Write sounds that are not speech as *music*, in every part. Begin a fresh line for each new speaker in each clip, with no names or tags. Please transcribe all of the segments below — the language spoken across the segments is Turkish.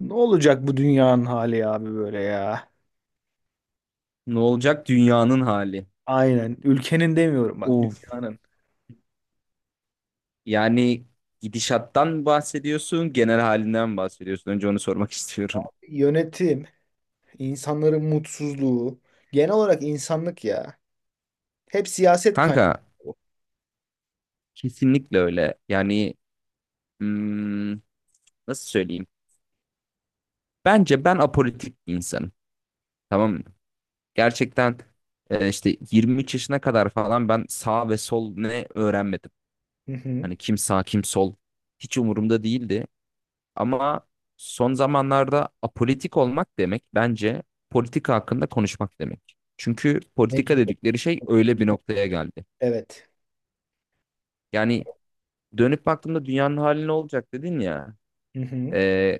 Ne olacak bu dünyanın hali abi böyle ya?
Ne olacak dünyanın hali?
Aynen. Ülkenin demiyorum, bak,
Of.
dünyanın.
Yani gidişattan bahsediyorsun, genel halinden mi bahsediyorsun? Önce onu sormak *laughs* istiyorum.
Yönetim, insanların mutsuzluğu, genel olarak insanlık ya. Hep siyaset kaynağı.
Kanka,
Bu.
kesinlikle öyle. Yani hmm, nasıl söyleyeyim? Bence ben apolitik bir insanım. Tamam mı? Gerçekten işte 23 yaşına kadar falan ben sağ ve sol ne öğrenmedim.
Hı hı.
Hani kim sağ kim sol hiç umurumda değildi. Ama son zamanlarda apolitik olmak demek bence politika hakkında konuşmak demek. Çünkü politika
Mecbur.
dedikleri şey öyle bir noktaya geldi.
Evet.
Yani dönüp baktığımda dünyanın hali ne olacak dedin ya.
Hı hı.
Ee,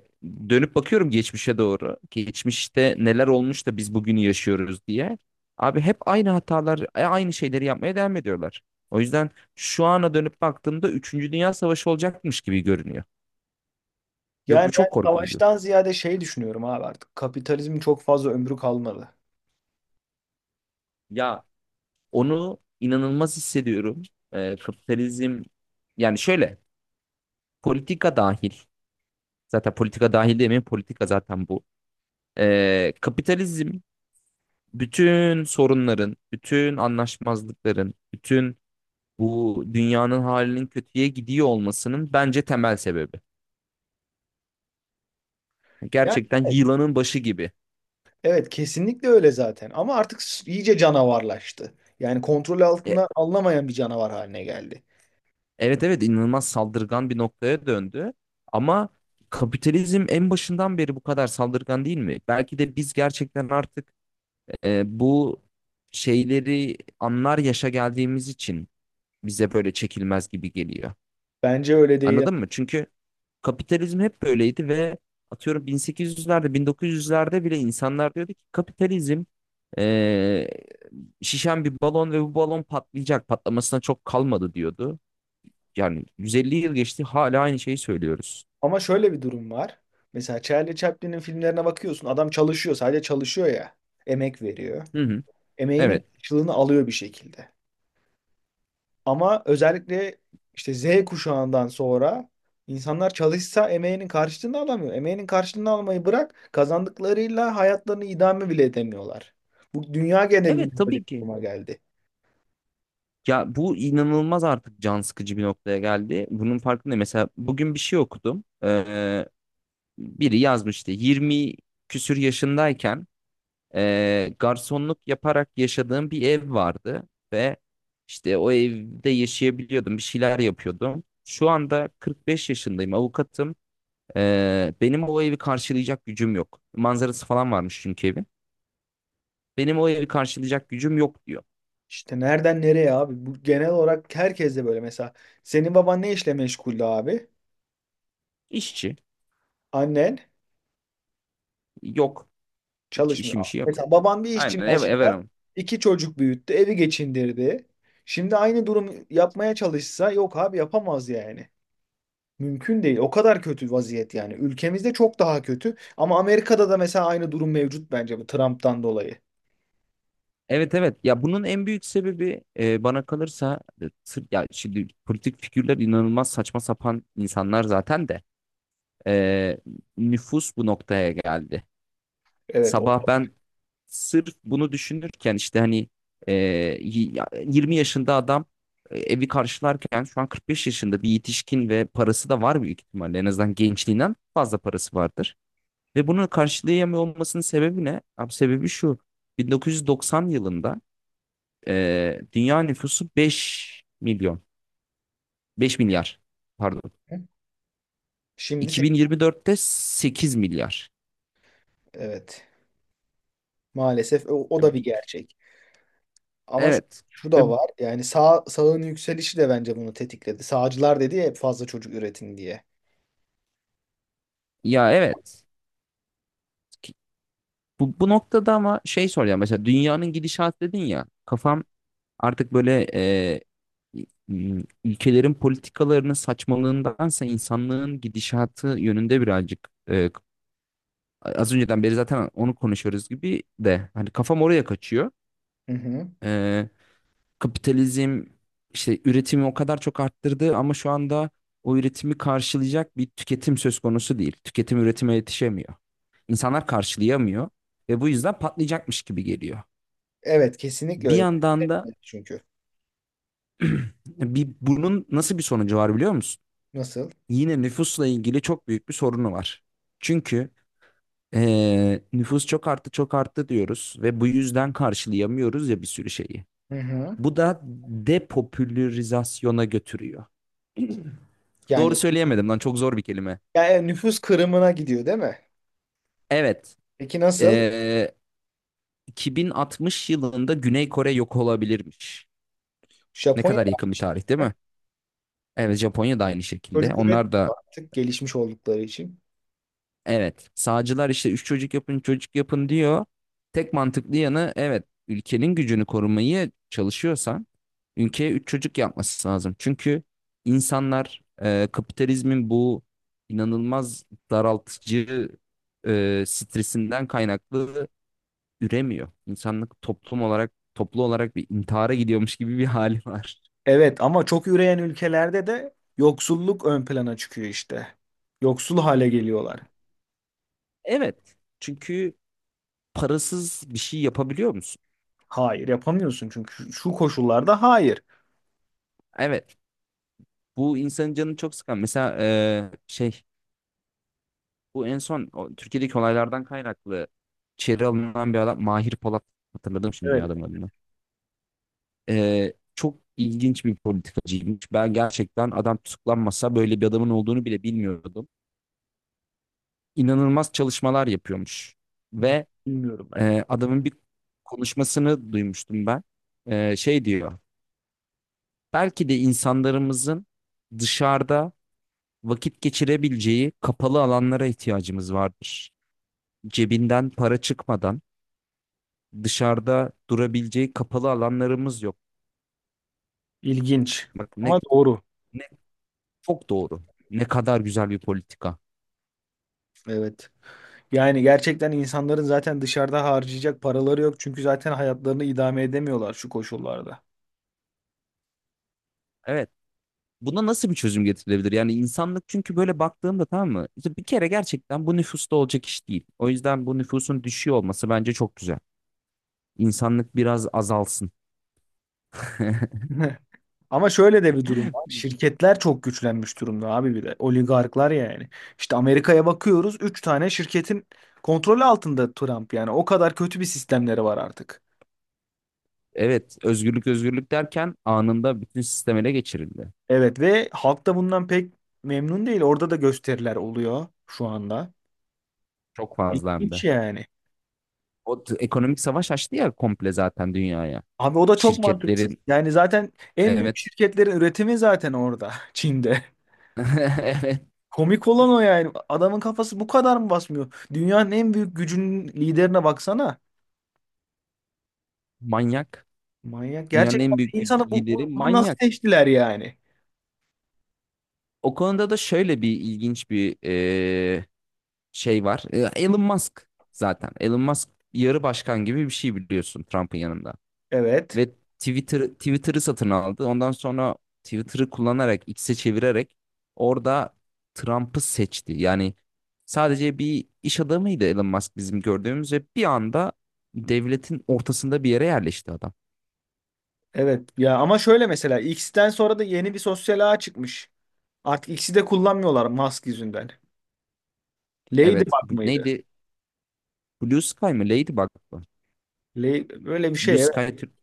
Dönüp bakıyorum geçmişe doğru. Geçmişte neler olmuş da biz bugünü yaşıyoruz diye. Abi hep aynı hatalar, aynı şeyleri yapmaya devam ediyorlar. O yüzden şu ana dönüp baktığımda üçüncü Dünya Savaşı olacakmış gibi görünüyor. Ve
Yani
bu
ben
çok korkutucu.
savaştan ziyade şey düşünüyorum abi artık. Kapitalizmin çok fazla ömrü kalmadı.
Ya onu inanılmaz hissediyorum. Kapitalizm yani şöyle politika dahil, zaten politika dahil demeyeyim, politika zaten bu. Kapitalizm bütün sorunların, bütün anlaşmazlıkların, bütün bu dünyanın halinin kötüye gidiyor olmasının bence temel sebebi.
Yani
Gerçekten
evet.
yılanın başı gibi.
Evet, kesinlikle öyle zaten ama artık iyice canavarlaştı. Yani kontrol
E,
altına alınamayan bir canavar haline geldi.
evet, evet, inanılmaz saldırgan bir noktaya döndü ama kapitalizm en başından beri bu kadar saldırgan değil mi? Belki de biz gerçekten artık bu şeyleri anlar yaşa geldiğimiz için bize böyle çekilmez gibi geliyor.
Bence öyle değil.
Anladın mı? Çünkü kapitalizm hep böyleydi ve atıyorum 1800'lerde, 1900'lerde bile insanlar diyordu ki kapitalizm e, şişen bir balon ve bu balon patlayacak. Patlamasına çok kalmadı diyordu. Yani 150 yıl geçti hala aynı şeyi söylüyoruz.
Ama şöyle bir durum var. Mesela Charlie Chaplin'in filmlerine bakıyorsun. Adam çalışıyor, sadece çalışıyor ya. Emek veriyor.
Hı hı.
Emeğinin
Evet.
karşılığını alıyor bir şekilde. Ama özellikle işte Z kuşağından sonra insanlar çalışsa emeğinin karşılığını alamıyor. Emeğinin karşılığını almayı bırak, kazandıklarıyla hayatlarını idame bile edemiyorlar. Bu dünya genelinde
Evet,
böyle bir
tabii ki.
duruma geldi.
Ya bu inanılmaz artık can sıkıcı bir noktaya geldi. Bunun farkındayım. Mesela bugün bir şey okudum. Biri yazmıştı. 20 küsür yaşındayken garsonluk yaparak yaşadığım bir ev vardı ve işte o evde yaşayabiliyordum. Bir şeyler yapıyordum. Şu anda 45 yaşındayım, avukatım. Benim o evi karşılayacak gücüm yok. Manzarası falan varmış çünkü evin. Benim o evi karşılayacak gücüm yok diyor.
İşte nereden nereye abi? Bu genel olarak herkes de böyle. Mesela senin baban ne işle meşguldü abi?
İşçi
Annen
yok. Hiç
çalışmıyor.
işi yok.
Mesela baban bir işçi
Aynen
maaşıyla
everim.
iki çocuk büyüttü, evi geçindirdi. Şimdi aynı durum yapmaya çalışsa yok abi, yapamaz yani. Mümkün değil. O kadar kötü vaziyet yani. Ülkemizde çok daha kötü. Ama Amerika'da da mesela aynı durum mevcut bence bu Trump'tan dolayı.
Evet, evet, ya bunun en büyük sebebi bana kalırsa ya şimdi politik figürler inanılmaz saçma sapan insanlar zaten de e, nüfus bu noktaya geldi.
Evet, o
Sabah ben sırf bunu düşünürken işte hani e, 20 yaşında adam evi karşılarken şu an 45 yaşında bir yetişkin ve parası da var, büyük ihtimalle en azından gençliğinden fazla parası vardır. Ve bunu karşılayamıyor olmasının sebebi ne? Abi sebebi şu: 1990 yılında dünya nüfusu 5 milyon. 5 milyar. Pardon.
şimdi sekiz.
2024'te 8 milyar.
Evet. Maalesef o
Ya
da bir
bi-
gerçek. Ama şu,
Evet.
şu
Ve
da var. Yani sağın yükselişi de bence bunu tetikledi. Sağcılar dedi ya hep fazla çocuk üretin diye.
ya evet. Ki- bu noktada ama şey soracağım. Mesela dünyanın gidişatı dedin ya. Kafam artık böyle ülkelerin politikalarının saçmalığındansa insanlığın gidişatı yönünde birazcık, az önceden beri zaten onu konuşuyoruz gibi de, hani kafam oraya kaçıyor.
Hı hı.
Kapitalizm işte üretimi o kadar çok arttırdı ama şu anda o üretimi karşılayacak bir tüketim söz konusu değil. Tüketim üretime yetişemiyor. İnsanlar karşılayamıyor ve bu yüzden patlayacakmış gibi geliyor.
Evet, kesinlikle
Bir
öyle.
yandan da
Çünkü
bunun nasıl bir sonucu var biliyor musun?
nasıl?
Yine nüfusla ilgili çok büyük bir sorunu var. Çünkü nüfus çok arttı, çok arttı diyoruz ve bu yüzden karşılayamıyoruz ya bir sürü şeyi.
Hı hı.
Bu da depopülarizasyona götürüyor. Doğru
Yani,
söyleyemedim lan, çok zor bir kelime.
yani nüfus kırımına gidiyor değil mi?
Evet.
Peki nasıl?
Ee, 2060 yılında Güney Kore yok olabilirmiş. Ne
Japonya
kadar yakın bir tarih değil mi? Evet, Japonya da aynı şekilde.
çocuk
Onlar da
üretmiyor artık gelişmiş oldukları için.
evet. Sağcılar işte üç çocuk yapın, çocuk yapın diyor. Tek mantıklı yanı evet, ülkenin gücünü korumaya çalışıyorsan ülkeye üç çocuk yapması lazım. Çünkü insanlar kapitalizmin bu inanılmaz daraltıcı stresinden kaynaklı üremiyor. İnsanlık toplum olarak, toplu olarak bir intihara gidiyormuş gibi bir hali var.
Evet ama çok üreyen ülkelerde de yoksulluk ön plana çıkıyor işte. Yoksul hale geliyorlar.
Evet. Çünkü parasız bir şey yapabiliyor musun?
Hayır, yapamıyorsun çünkü şu koşullarda hayır.
Evet. Bu insanın canını çok sıkan. Mesela bu en son o Türkiye'deki olaylardan kaynaklı içeri alınan bir adam Mahir Polat, hatırladım şimdi ya
Evet.
adamın adını. Çok ilginç bir politikacıymış. Ben gerçekten adam tutuklanmasa böyle bir adamın olduğunu bile bilmiyordum. İnanılmaz çalışmalar yapıyormuş ve
Bilmiyorum ben.
Adamın bir konuşmasını duymuştum ben. Şey diyor. Belki de insanlarımızın dışarıda vakit geçirebileceği kapalı alanlara ihtiyacımız vardır. Cebinden para çıkmadan dışarıda durabileceği kapalı alanlarımız yok.
İlginç
Bak ne
ama
ne
doğru.
Çok doğru. Ne kadar güzel bir politika.
Evet. Yani gerçekten insanların zaten dışarıda harcayacak paraları yok. Çünkü zaten hayatlarını idame edemiyorlar şu koşullarda.
Evet. Buna nasıl bir çözüm getirilebilir? Yani insanlık, çünkü böyle baktığımda, tamam mı? İşte bir kere gerçekten bu nüfusta olacak iş değil. O yüzden bu nüfusun düşüyor olması bence çok güzel. İnsanlık biraz azalsın. *laughs*
*laughs* Ama şöyle de bir durum var. Şirketler çok güçlenmiş durumda abi bir de. Oligarklar yani. İşte Amerika'ya bakıyoruz. Üç tane şirketin kontrolü altında Trump yani. O kadar kötü bir sistemleri var artık.
Evet, özgürlük özgürlük derken anında bütün sistem ele geçirildi.
Evet ve halk da bundan pek memnun değil. Orada da gösteriler oluyor şu anda.
Çok fazla hem
İlginç
de.
yani.
Ekonomik savaş açtı ya komple zaten dünyaya.
Abi o da çok mantıksız.
Şirketlerin,
Yani zaten en büyük
evet.
şirketlerin üretimi zaten orada. *laughs* Çin'de.
*laughs* Evet.
Komik olan o yani. Adamın kafası bu kadar mı basmıyor? Dünyanın en büyük gücünün liderine baksana.
Manyak.
Manyak.
Dünyanın
Gerçekten
en büyük
bir insanı
lideri
bunu nasıl
manyak.
seçtiler yani?
O konuda da şöyle bir ilginç bir şey var. Elon Musk zaten. Elon Musk yarı başkan gibi bir şey, biliyorsun, Trump'ın yanında.
Evet.
Ve Twitter'ı satın aldı. Ondan sonra Twitter'ı kullanarak, X'e çevirerek orada Trump'ı seçti. Yani sadece bir iş adamıydı Elon Musk bizim gördüğümüz ve bir anda devletin ortasında bir yere yerleşti adam.
Evet. Ya ama şöyle mesela X'ten sonra da yeni bir sosyal ağ çıkmış. Artık X'i de kullanmıyorlar Musk yüzünden.
Evet,
Ladybug
bu
mıydı?
neydi? Blue Sky mı? Ladybug mı?
Böyle bir
Blue
şey
Sky
evet.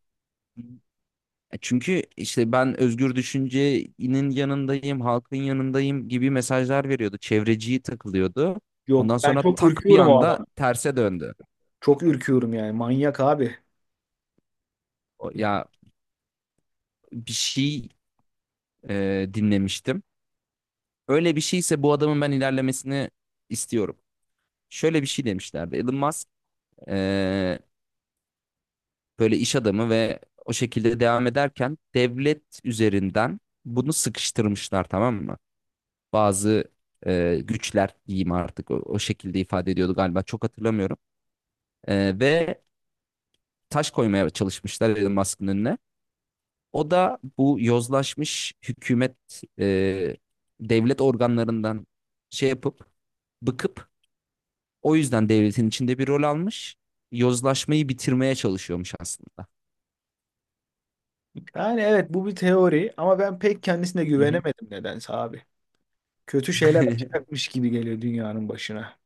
Çünkü işte ben özgür düşüncenin yanındayım, halkın yanındayım gibi mesajlar veriyordu. Çevreciyi takılıyordu.
Yok.
Ondan
Ben
sonra
çok
tak bir
ürküyorum o
anda
adam.
terse döndü.
Çok ürküyorum yani. Manyak abi. Yani
Ya bir şey dinlemiştim. Öyle bir şeyse bu adamın ben ilerlemesini istiyorum. Şöyle bir şey demişlerdi. Elon Musk e, böyle iş adamı ve o şekilde devam ederken devlet üzerinden bunu sıkıştırmışlar, tamam mı? Bazı güçler diyeyim artık, o şekilde ifade ediyordu galiba, çok hatırlamıyorum. Ve taş koymaya çalışmışlar Elon Musk'ın önüne. O da bu yozlaşmış hükümet, e, devlet organlarından şey yapıp, bıkıp, o yüzden devletin içinde bir rol almış. Yozlaşmayı bitirmeye çalışıyormuş aslında.
Yani evet, bu bir teori ama ben pek kendisine
Hı hı.
güvenemedim nedense abi. Kötü şeyler
*laughs*
açacakmış gibi geliyor dünyanın başına.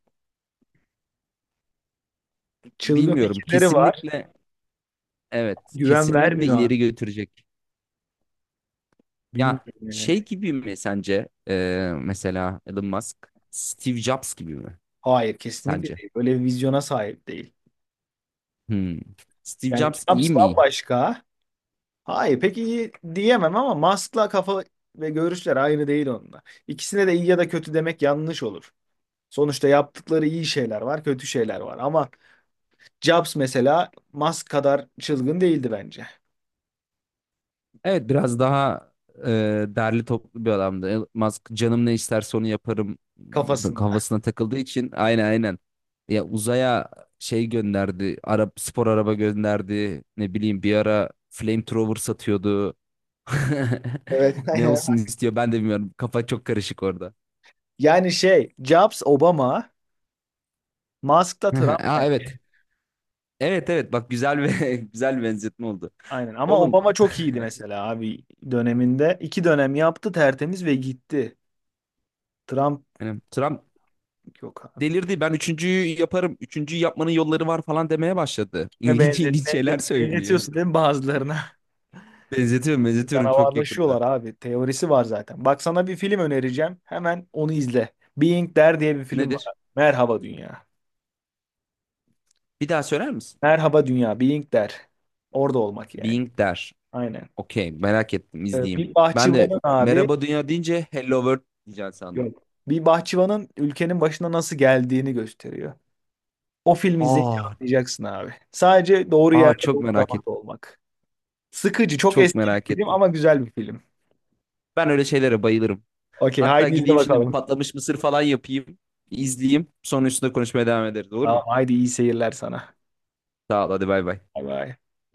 Çılgın
Bilmiyorum.
fikirleri var.
Kesinlikle evet.
Güven
Kesinlikle
vermiyor abi.
ileri götürecek.
Bilmiyorum
Ya şey
yani.
gibi mi sence, mesela Elon Musk Steve Jobs gibi mi
Hayır, kesinlikle
sence?
değil. Böyle bir vizyona sahip değil.
Hmm. Steve
Yani
Jobs iyi
Schnaps
mi?
bambaşka. Hayır pek iyi diyemem ama Musk'la kafa ve görüşler aynı değil onunla. İkisine de iyi ya da kötü demek yanlış olur. Sonuçta yaptıkları iyi şeyler var, kötü şeyler var. Ama Jobs mesela Musk kadar çılgın değildi bence
Evet, biraz daha derli toplu bir adamdı. Elon Musk canım ne isterse onu yaparım
kafasında.
kafasına takıldığı için, aynen, aynen. Ya uzaya şey gönderdi. Arap spor araba gönderdi. Ne bileyim, bir ara flamethrower satıyordu. *laughs*
Evet.
Ne olsun
*laughs*
istiyor ben de bilmiyorum. Kafa çok karışık orada.
Yani şey Jobs Obama, Musk da
*laughs*
Trump.
Aa, evet. Evet, evet, bak, güzel ve *laughs* güzel bir benzetme oldu.
Aynen ama
Oğlum
Obama çok iyiydi
*laughs*
mesela abi döneminde. İki dönem yaptı tertemiz ve gitti. Trump
yani Trump
yok abi.
delirdi. Ben üçüncüyü yaparım. Üçüncüyü yapmanın yolları var falan demeye başladı. *laughs*
Ve
İlginç ilginç şeyler söylüyor.
benzetiyorsun değil mi bazılarına? *laughs*
Benzetiyorum, benzetiyorum çok
Canavarlaşıyorlar
yakında.
abi. Teorisi var zaten. Bak, sana bir film önereceğim. Hemen onu izle. Being Der diye bir film var.
Nedir?
Merhaba Dünya.
Bir daha söyler misin?
Merhaba Dünya. Being Der. Orada olmak yani.
Being der.
Aynen.
Okey, merak ettim, izleyeyim.
Bir
Ben de
bahçıvanın abi
merhaba dünya deyince hello world diyeceksin sandım.
yok. Bir bahçıvanın ülkenin başına nasıl geldiğini gösteriyor. O filmi izleyince
Aa,
anlayacaksın abi. Sadece doğru
aa,
yerde
çok
doğru
merak
zamanda
ettim.
olmak. Sıkıcı. Çok
Çok
eski
merak
bir film
ettim.
ama güzel bir film.
Ben öyle şeylere bayılırım.
Okey,
Hatta
haydi izle
gideyim şimdi bir
bakalım.
patlamış mısır falan yapayım. İzleyeyim. Sonra üstüne konuşmaya devam ederiz, olur
Tamam,
mu?
haydi iyi seyirler sana.
Sağ ol, hadi bay bay.
Bay bay.